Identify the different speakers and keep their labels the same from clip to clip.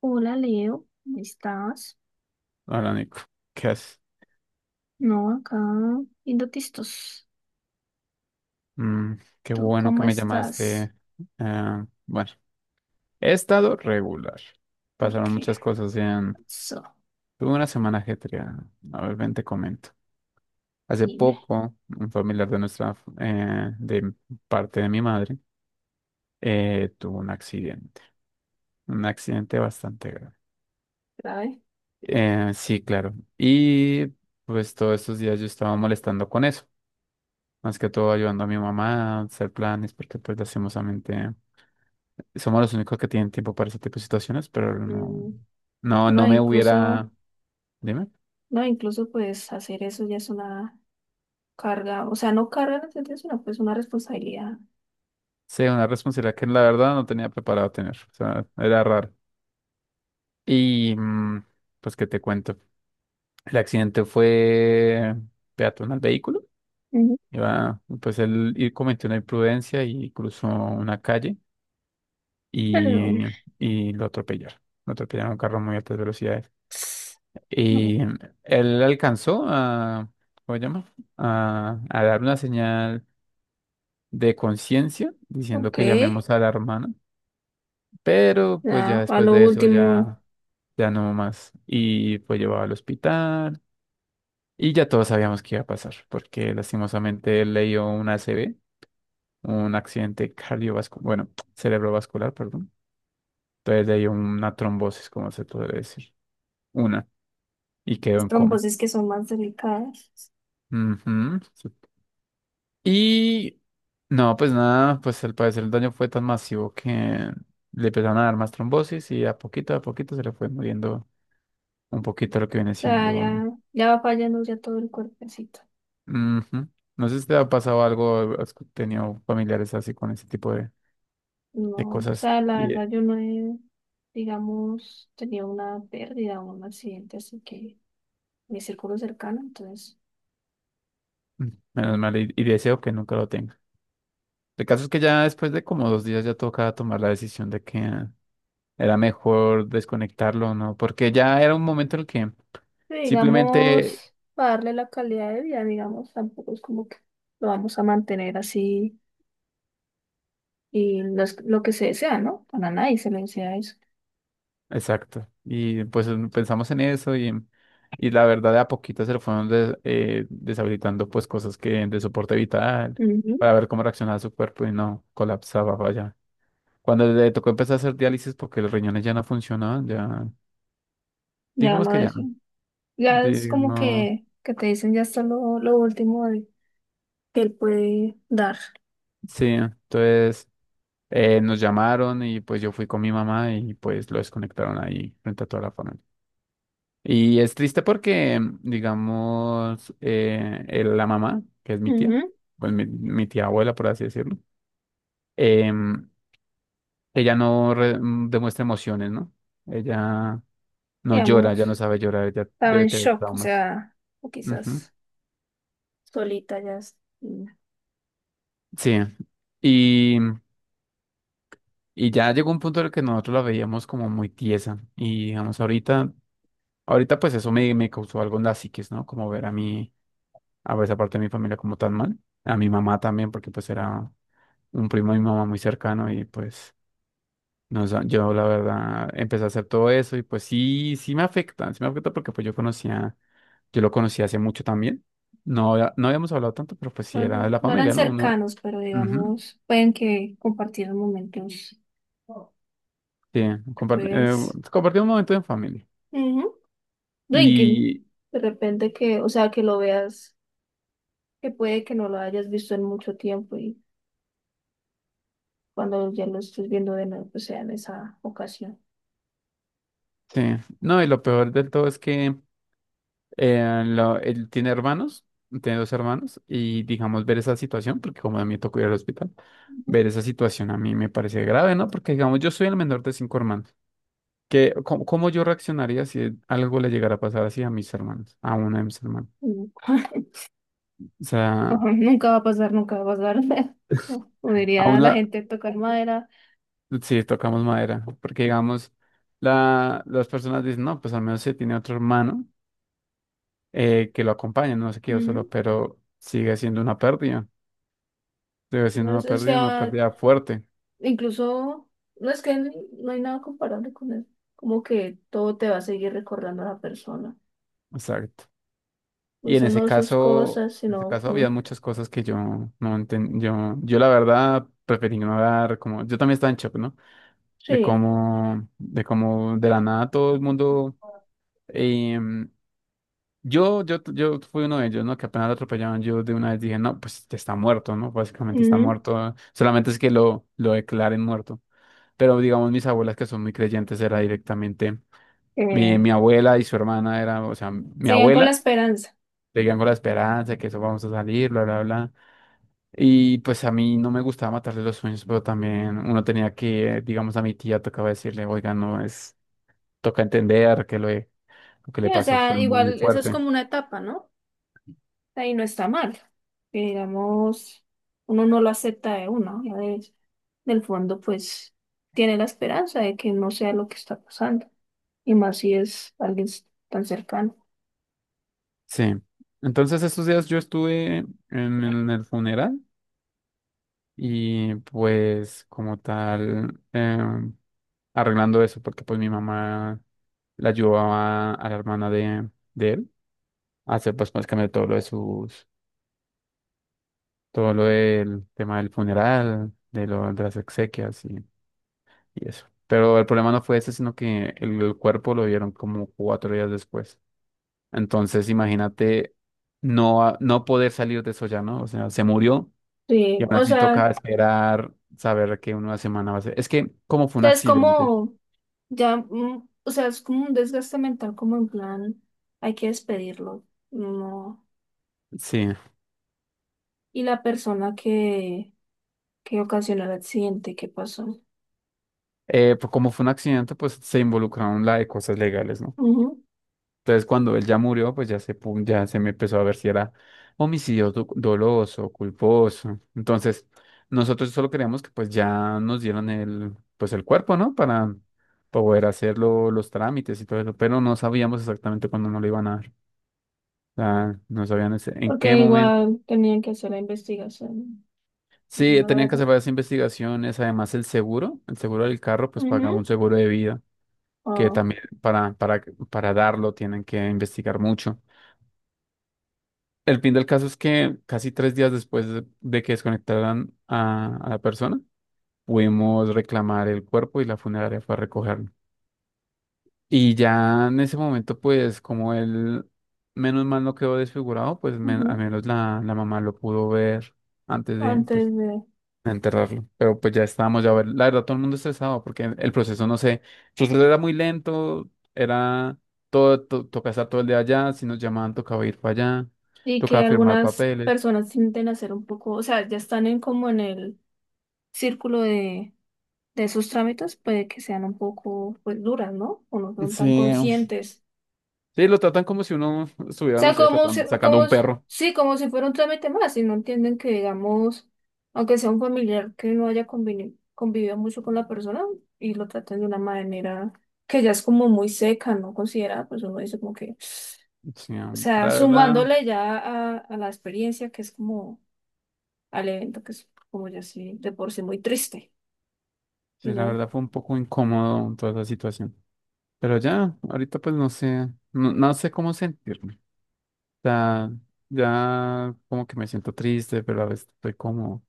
Speaker 1: Hola Leo, ¿cómo estás?
Speaker 2: Hola Nico, ¿qué haces?
Speaker 1: No, acá viendo tistos.
Speaker 2: Mm. Qué
Speaker 1: ¿Tú
Speaker 2: bueno que
Speaker 1: cómo
Speaker 2: me
Speaker 1: estás?
Speaker 2: llamaste. Ah, bueno, he estado regular.
Speaker 1: ¿Por
Speaker 2: Pasaron
Speaker 1: qué?
Speaker 2: muchas cosas en...
Speaker 1: So,
Speaker 2: Tuve una semana ajetreada. A ver, ven, te comento. Hace
Speaker 1: dime,
Speaker 2: poco, un familiar de nuestra, de parte de mi madre, tuvo un accidente. Un accidente bastante grave.
Speaker 1: ¿sabes?
Speaker 2: Sí, claro. Y pues todos estos días yo estaba molestando con eso. Más que todo ayudando a mi mamá a hacer planes, porque pues lastimosamente somos los únicos que tienen tiempo para ese tipo de situaciones, pero no,
Speaker 1: Mm,
Speaker 2: no,
Speaker 1: no,
Speaker 2: no me
Speaker 1: incluso,
Speaker 2: hubiera, dime,
Speaker 1: no, incluso pues hacer eso ya es una carga, o sea, no carga en el sentido, sino pues una responsabilidad.
Speaker 2: sí, una responsabilidad que la verdad no tenía preparado tener, o sea, era raro. Y pues que te cuento, el accidente fue peatón al vehículo,
Speaker 1: Ujú.
Speaker 2: iba, pues cometió una imprudencia y cruzó una calle
Speaker 1: Pero,
Speaker 2: y, y lo atropellaron un carro a muy altas velocidades.
Speaker 1: ps, no,
Speaker 2: Y él alcanzó a, ¿cómo se llama? A dar una señal de conciencia diciendo
Speaker 1: ok,
Speaker 2: que llamemos a la hermana, pero pues ya
Speaker 1: ya, a
Speaker 2: después
Speaker 1: lo
Speaker 2: de eso
Speaker 1: último,
Speaker 2: ya, ya no más. Y fue llevado al hospital y ya todos sabíamos qué iba a pasar, porque lastimosamente él le dio un ACV, un accidente cardiovascular, bueno, cerebrovascular, perdón. Entonces le dio una trombosis, como se puede decir, una, y quedó
Speaker 1: las
Speaker 2: en coma.
Speaker 1: trombosis que son más delicadas.
Speaker 2: Ujú. Y no, pues nada, pues al parecer el daño fue tan masivo que le empezaron a dar más trombosis y a poquito se le fue muriendo un poquito lo que viene
Speaker 1: O sea,
Speaker 2: siendo.
Speaker 1: ya, ya va fallando ya todo el cuerpecito.
Speaker 2: Ujú. No sé si te ha pasado algo, has tenido familiares así con ese tipo de,
Speaker 1: No, o
Speaker 2: cosas.
Speaker 1: sea, la
Speaker 2: Y,
Speaker 1: verdad yo no he, digamos, tenido una pérdida o un accidente, así que mi círculo cercano, entonces,
Speaker 2: mm, menos mal, y deseo que nunca lo tenga. El caso es que ya después de como 2 días ya tocaba tomar la decisión de que era mejor desconectarlo, ¿no? Porque ya era un momento en el que...
Speaker 1: sí,
Speaker 2: simplemente.
Speaker 1: digamos, para darle la calidad de vida, digamos, tampoco es como que lo vamos a mantener así y no es lo que se desea, ¿no? Para nadie se le desea eso.
Speaker 2: Exacto. Y pues pensamos en eso y la verdad de a poquito se le fueron deshabilitando pues cosas que de soporte vital
Speaker 1: Ujú.
Speaker 2: para ver cómo reaccionaba su cuerpo y no colapsaba, vaya. Cuando le tocó empezar a hacer diálisis porque los riñones ya no funcionaban, ya
Speaker 1: Ya
Speaker 2: digamos
Speaker 1: no
Speaker 2: que ya,
Speaker 1: es,
Speaker 2: no.
Speaker 1: ya es como
Speaker 2: Digamos,
Speaker 1: que te dicen ya está lo último de- que él puede dar.
Speaker 2: sí, entonces nos llamaron y pues yo fui con mi mamá y pues lo desconectaron ahí frente a toda la familia. Y es triste porque, digamos, la mamá, que es mi tía,
Speaker 1: Ujú.
Speaker 2: pues mi tía abuela, por así decirlo, em, ella no re- mm, demuestra emociones, ¿no? Ella no llora,
Speaker 1: Digamos,
Speaker 2: ya no sabe llorar, ella
Speaker 1: estaba
Speaker 2: debe
Speaker 1: en
Speaker 2: tener
Speaker 1: shock, o
Speaker 2: traumas.
Speaker 1: sea, o
Speaker 2: Ujú.
Speaker 1: quizás. Solita ya. Es-
Speaker 2: Sí. Y, y ya llegó un punto en el que nosotros la veíamos como muy tiesa. Y digamos, ahorita pues eso me causó algo en la psiquis, ¿no? Como ver a mí a esa parte de mi familia como tan mal. A mi mamá también, porque pues era, un primo de mi mamá muy cercano y pues yo la verdad empecé a hacer todo eso y pues sí, sí me afecta porque pues yo conocía, yo lo conocía hace mucho también. No, no habíamos hablado tanto, pero pues sí
Speaker 1: no,
Speaker 2: era
Speaker 1: no
Speaker 2: de la
Speaker 1: no eran
Speaker 2: familia, ¿no? Uno,
Speaker 1: cercanos, pero
Speaker 2: ujú,
Speaker 1: digamos, pueden que compartieron momentos
Speaker 2: sí,
Speaker 1: que tú
Speaker 2: compar- eh,
Speaker 1: eres.
Speaker 2: compartí un momento en familia.
Speaker 1: Ujú. No, y que
Speaker 2: Y
Speaker 1: de repente que, o sea, que lo veas, que puede que no lo hayas visto en mucho tiempo y cuando ya lo estés viendo de nuevo, pues sea en esa ocasión.
Speaker 2: sí, no, y lo peor del todo es que él tiene hermanos, tiene 2 hermanos, y digamos ver esa situación, porque como a mí me tocó ir al hospital, ver esa situación a mí me parece grave, ¿no? Porque digamos, yo soy el menor de 5 hermanos. ¿Qué, cómo, cómo yo reaccionaría si algo le llegara a pasar así a mis hermanos, a uno de mis hermanos?
Speaker 1: Ujú.
Speaker 2: O sea,
Speaker 1: Ojo, nunca va a pasar, nunca va a pasar. O
Speaker 2: a
Speaker 1: diría la
Speaker 2: uno,
Speaker 1: gente tocar madera.
Speaker 2: sí, tocamos madera, porque digamos, las personas dicen, no, pues al menos se tiene otro hermano, que lo acompaña, no se quedó solo,
Speaker 1: Ujú.
Speaker 2: pero sigue siendo una pérdida, sigue siendo
Speaker 1: Entonces, o
Speaker 2: una
Speaker 1: sea,
Speaker 2: pérdida fuerte.
Speaker 1: incluso, no es que n- no hay nada comparable con él. Como que todo te va a seguir recordando a la persona.
Speaker 2: Exacto. Y
Speaker 1: Incluso no sus cosas,
Speaker 2: en ese
Speaker 1: sino
Speaker 2: caso
Speaker 1: como-
Speaker 2: había muchas cosas que yo no entendí. Yo la verdad preferí ignorar, como yo también estaba en shock, ¿no? De
Speaker 1: Sí.
Speaker 2: cómo, de cómo de la nada todo el mundo. em, yo fui uno de ellos, ¿no? Que apenas lo atropellaron, yo de una vez dije, no, pues está muerto, ¿no? Básicamente está
Speaker 1: Ujú.
Speaker 2: muerto. Solamente es que lo declaren muerto. Pero digamos, mis abuelas que son muy creyentes, era directamente mi,
Speaker 1: Eh,
Speaker 2: mi abuela y su hermana, era, o sea, mi
Speaker 1: seguían con la
Speaker 2: abuela.
Speaker 1: esperanza.
Speaker 2: Te digan con la esperanza de que eso vamos a salir, bla, bla, bla. Y pues a mí no me gustaba matarle los sueños, pero también uno tenía que, digamos, a mi tía tocaba decirle, oiga, no es, toca entender que lo que le
Speaker 1: Sí, o
Speaker 2: pasó fue
Speaker 1: sea,
Speaker 2: muy
Speaker 1: igual eso es
Speaker 2: fuerte.
Speaker 1: como una etapa, ¿no? Ahí no está mal. Que digamos, uno no lo acepta de uno, ya de- del fondo, pues tiene la esperanza de que no sea lo que está pasando. Y más si es alguien s- tan cercano.
Speaker 2: Sí. Entonces estos días yo estuve en el funeral y pues como tal, arreglando eso, porque pues mi mamá la ayudaba a la hermana de él a hacer pues básicamente todo lo de sus todo lo del tema del funeral, de las exequias y eso. Pero el problema no fue ese, sino que el cuerpo lo vieron como 4 días después. Entonces, imagínate no, no poder salir de eso ya, ¿no? O sea, se murió y
Speaker 1: Sí,
Speaker 2: aún así toca esperar, saber que en una semana va a ser. Es que como
Speaker 1: o
Speaker 2: fue un
Speaker 1: sea, es
Speaker 2: accidente,
Speaker 1: como ya, o sea, es como un desgaste mental, como en plan, hay que despedirlo, no.
Speaker 2: sí.
Speaker 1: Y la persona que ocasionó el accidente, ¿qué pasó?
Speaker 2: Pues como fue un accidente, pues se involucraron la de cosas legales, ¿no?
Speaker 1: Ujú.
Speaker 2: Entonces, cuando él ya murió, pues ya se, ya se me empezó a ver si era homicidio doloso, culposo. Entonces, nosotros solo queríamos que pues ya nos dieran el, pues el cuerpo, ¿no? Para poder hacer los trámites y todo eso, pero no sabíamos exactamente cuándo nos lo iban a dar. O sea, no sabían en qué
Speaker 1: Porque
Speaker 2: momento.
Speaker 1: igual tenían que hacer la investigación,
Speaker 2: Sí,
Speaker 1: la
Speaker 2: tenían que
Speaker 1: verdad.
Speaker 2: hacer varias investigaciones, además el seguro del carro, pues
Speaker 1: Ujú.
Speaker 2: pagaba un seguro de vida, que
Speaker 1: Ah,
Speaker 2: también para, para darlo tienen que investigar mucho. El fin del caso es que casi 3 días después de que desconectaran a la persona, pudimos reclamar el cuerpo y la funeraria fue a recogerlo. Y ya en ese momento, pues como él, menos mal no quedó desfigurado, pues al
Speaker 1: ujú.
Speaker 2: menos la mamá lo pudo ver antes de, pues,
Speaker 1: Antes de.
Speaker 2: de enterrarlo. Pero pues ya estábamos, ya, la verdad, todo el mundo estresado porque el proceso, no sé, el proceso era muy lento, era todo, tocaba estar todo el día allá, si nos llamaban tocaba ir para allá,
Speaker 1: Y
Speaker 2: tocaba
Speaker 1: que
Speaker 2: firmar
Speaker 1: algunas
Speaker 2: papeles.
Speaker 1: personas tienden a ser un poco, o sea, ya están en como en el círculo de esos trámites, puede que sean un poco, pues, duras, ¿no? O no son
Speaker 2: Sí,
Speaker 1: tan conscientes,
Speaker 2: sí, lo tratan como si uno estuviera, no
Speaker 1: sea,
Speaker 2: sé,
Speaker 1: como si,
Speaker 2: sacando
Speaker 1: como,
Speaker 2: un
Speaker 1: s-
Speaker 2: perro.
Speaker 1: sí, como si fuera un trámite más, y no entienden que, digamos, aunque sea un familiar que no haya conveni- convivido mucho con la persona y lo traten de una manera que ya es como muy seca, no considerada, pues uno dice como que,
Speaker 2: Sí,
Speaker 1: o sea,
Speaker 2: la verdad,
Speaker 1: sumándole ya a la experiencia que es como al evento, que es como ya sí, de por sí muy triste, you
Speaker 2: sí, la
Speaker 1: know.
Speaker 2: verdad fue un poco incómodo toda esa situación. Pero ya, ahorita pues no sé, no sé cómo sentirme. O sea, ya como que me siento triste, pero a veces estoy como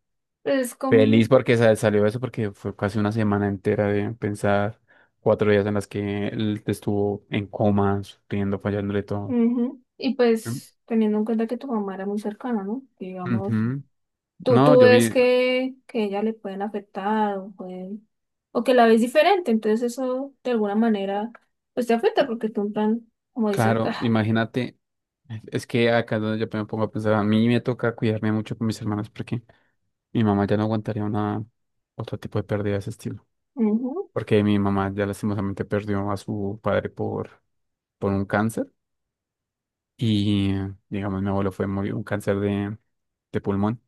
Speaker 1: Es
Speaker 2: feliz
Speaker 1: como,
Speaker 2: porque salió eso, porque fue casi una semana entera de pensar, 4 días en las que él estuvo en coma, sufriendo, fallándole todo.
Speaker 1: ujú, y
Speaker 2: Mm.
Speaker 1: pues teniendo en cuenta que tu mamá era muy cercana, ¿no? Digamos,
Speaker 2: Ujú.
Speaker 1: tú,
Speaker 2: No,
Speaker 1: tú
Speaker 2: yo
Speaker 1: ves
Speaker 2: vi,
Speaker 1: que ella le pueden afectar o, pueden- o que la ves diferente, entonces eso de alguna manera pues te afecta porque tú en plan, como dices,
Speaker 2: claro,
Speaker 1: ah,
Speaker 2: imagínate, es que acá es donde yo me pongo a pensar, a mí me toca cuidarme mucho con mis hermanos porque mi mamá ya no aguantaría una otro tipo de pérdida de ese estilo,
Speaker 1: ujú,
Speaker 2: porque mi mamá ya lastimosamente perdió a su padre por un cáncer y digamos mi abuelo fue murió un cáncer de pulmón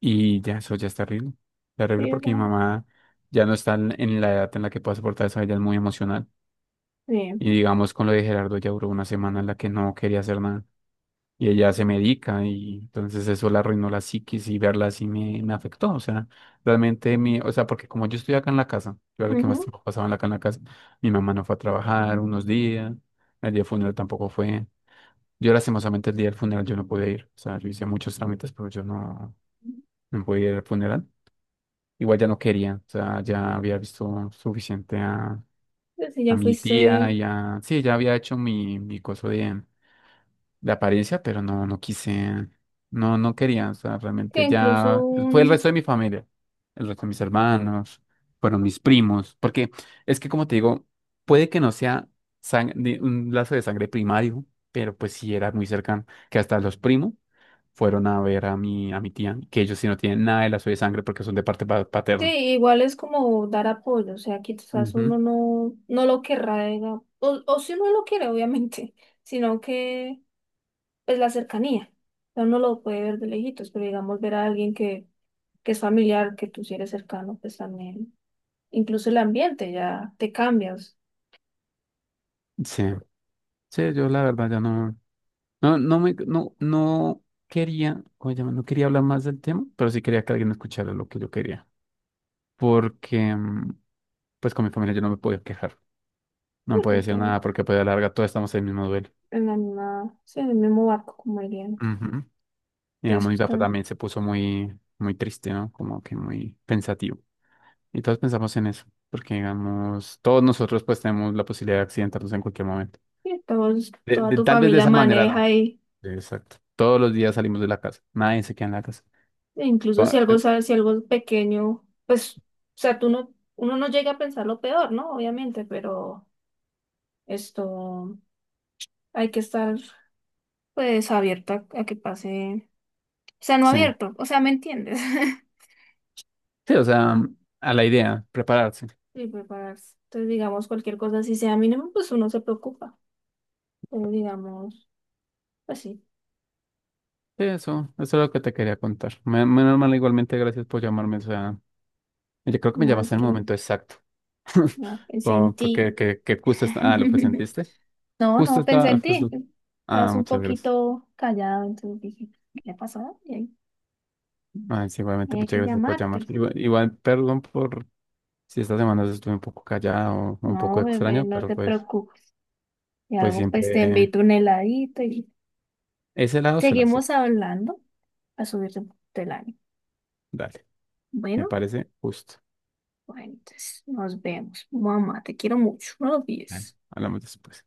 Speaker 2: y ya eso ya es terrible, terrible
Speaker 1: sí, o
Speaker 2: porque
Speaker 1: sea,
Speaker 2: mi mamá ya no está en la edad en la que pueda soportar eso, ella es muy emocional
Speaker 1: bien,
Speaker 2: y digamos con lo de Gerardo ya duró una semana en la que no quería hacer nada. Y ella se medica y entonces eso la arruinó la psiquis y verla así me afectó, o sea, realmente mi, o sea, porque como yo estoy acá en la casa, yo era el que más
Speaker 1: ujú.
Speaker 2: tiempo pasaba acá en la casa, mi mamá no fue a trabajar unos días, el día del funeral tampoco fue, yo lastimosamente el día del funeral yo no pude ir, o sea, yo hice muchos trámites, pero yo no pude ir al funeral, igual ya no quería, o sea, ya había visto suficiente
Speaker 1: Pues si
Speaker 2: a
Speaker 1: ya
Speaker 2: mi tía,
Speaker 1: fuiste,
Speaker 2: ya, sí, ya había hecho mi coso de apariencia, pero no, no quise, no, no quería, o sea,
Speaker 1: que
Speaker 2: realmente
Speaker 1: incluso
Speaker 2: ya fue el
Speaker 1: un,
Speaker 2: resto de mi familia, el resto de mis hermanos, fueron mis primos, porque es que como te digo, puede que no sea un lazo de sangre primario, pero pues sí era muy cercano, que hasta los primos fueron a ver a mi tía, que ellos sí no tienen nada de lazo de sangre porque son de parte
Speaker 1: sí,
Speaker 2: paterna.
Speaker 1: igual es como dar apoyo, o sea, quizás uno
Speaker 2: Ujú.
Speaker 1: no, no lo querrá, diga, o si uno lo quiere, obviamente, sino que pues la cercanía. O sea, uno lo puede ver de lejitos, pero digamos ver a alguien que es familiar, que tú sí eres cercano, pues también, incluso el ambiente ya te cambias,
Speaker 2: Sí, sí, yo la verdad ya no. No, no me, no, no quería, ¿cómo se llama? No quería hablar más del tema, pero sí quería que alguien escuchara lo que yo quería. Porque, pues con mi familia yo no me podía quejar. No me podía
Speaker 1: como que
Speaker 2: decir nada porque pues a la larga todos estamos en el mismo duelo.
Speaker 1: en la misma, sí, en el mismo barco, como dirían.
Speaker 2: Ujú.
Speaker 1: Entonces,
Speaker 2: Digamos, mi
Speaker 1: pues
Speaker 2: papá
Speaker 1: tam-
Speaker 2: también se puso muy, muy triste, ¿no? Como que muy pensativo. Y todos pensamos en eso, porque digamos, todos nosotros pues tenemos la posibilidad de accidentarnos en cualquier momento.
Speaker 1: sí, todos, toda tu
Speaker 2: Tal vez de
Speaker 1: familia
Speaker 2: esa manera no.
Speaker 1: maneja y
Speaker 2: Exacto. Todos los días salimos de la casa, nadie se queda en la casa.
Speaker 1: e
Speaker 2: Cu-
Speaker 1: incluso si algo
Speaker 2: eh,
Speaker 1: sabes, si algo es pequeño, pues, o sea, tú no, uno no llega a pensar lo peor, ¿no? Obviamente, pero esto hay que estar pues abierta a que pase. O sea, no
Speaker 2: Sí.
Speaker 1: abierto, o sea, ¿me entiendes?
Speaker 2: Sí, o sea, a la idea, prepararse.
Speaker 1: Y prepararse. Entonces, digamos, cualquier cosa así sea mínimo, pues uno se preocupa. Pero digamos, pues sí,
Speaker 2: Sí, eso es lo que te quería contar. Menos mal, igualmente, gracias por llamarme. O sea, yo creo que me
Speaker 1: nada, es
Speaker 2: llamaste en el
Speaker 1: que
Speaker 2: momento exacto.
Speaker 1: nada, pensé en
Speaker 2: Como
Speaker 1: ti.
Speaker 2: porque que justo está, ah, lo presentiste.
Speaker 1: No,
Speaker 2: Justo
Speaker 1: no, pensé
Speaker 2: está,
Speaker 1: en ti.
Speaker 2: justo.
Speaker 1: Estás
Speaker 2: Ah,
Speaker 1: un
Speaker 2: muchas gracias.
Speaker 1: poquito callado, entonces dije, ¿qué le pasó? Y ahí,
Speaker 2: Ah, sí, igualmente,
Speaker 1: hay
Speaker 2: muchas
Speaker 1: que
Speaker 2: gracias por llamar.
Speaker 1: llamarte.
Speaker 2: Igual, igual, perdón por si esta semana estuve un poco callado o un poco
Speaker 1: No, bebé,
Speaker 2: extraño,
Speaker 1: no
Speaker 2: pero
Speaker 1: te
Speaker 2: pues,
Speaker 1: preocupes. Y
Speaker 2: pues
Speaker 1: algo, pues te
Speaker 2: siempre
Speaker 1: invito un heladito y
Speaker 2: ese lado se lo hace.
Speaker 1: seguimos hablando a subirte un poquito el ánimo.
Speaker 2: Dale, me
Speaker 1: Bueno.
Speaker 2: parece justo.
Speaker 1: Bueno, entonces nos vemos. Mamá, te quiero mucho. No lo
Speaker 2: Dale,
Speaker 1: olvides.
Speaker 2: hablamos después.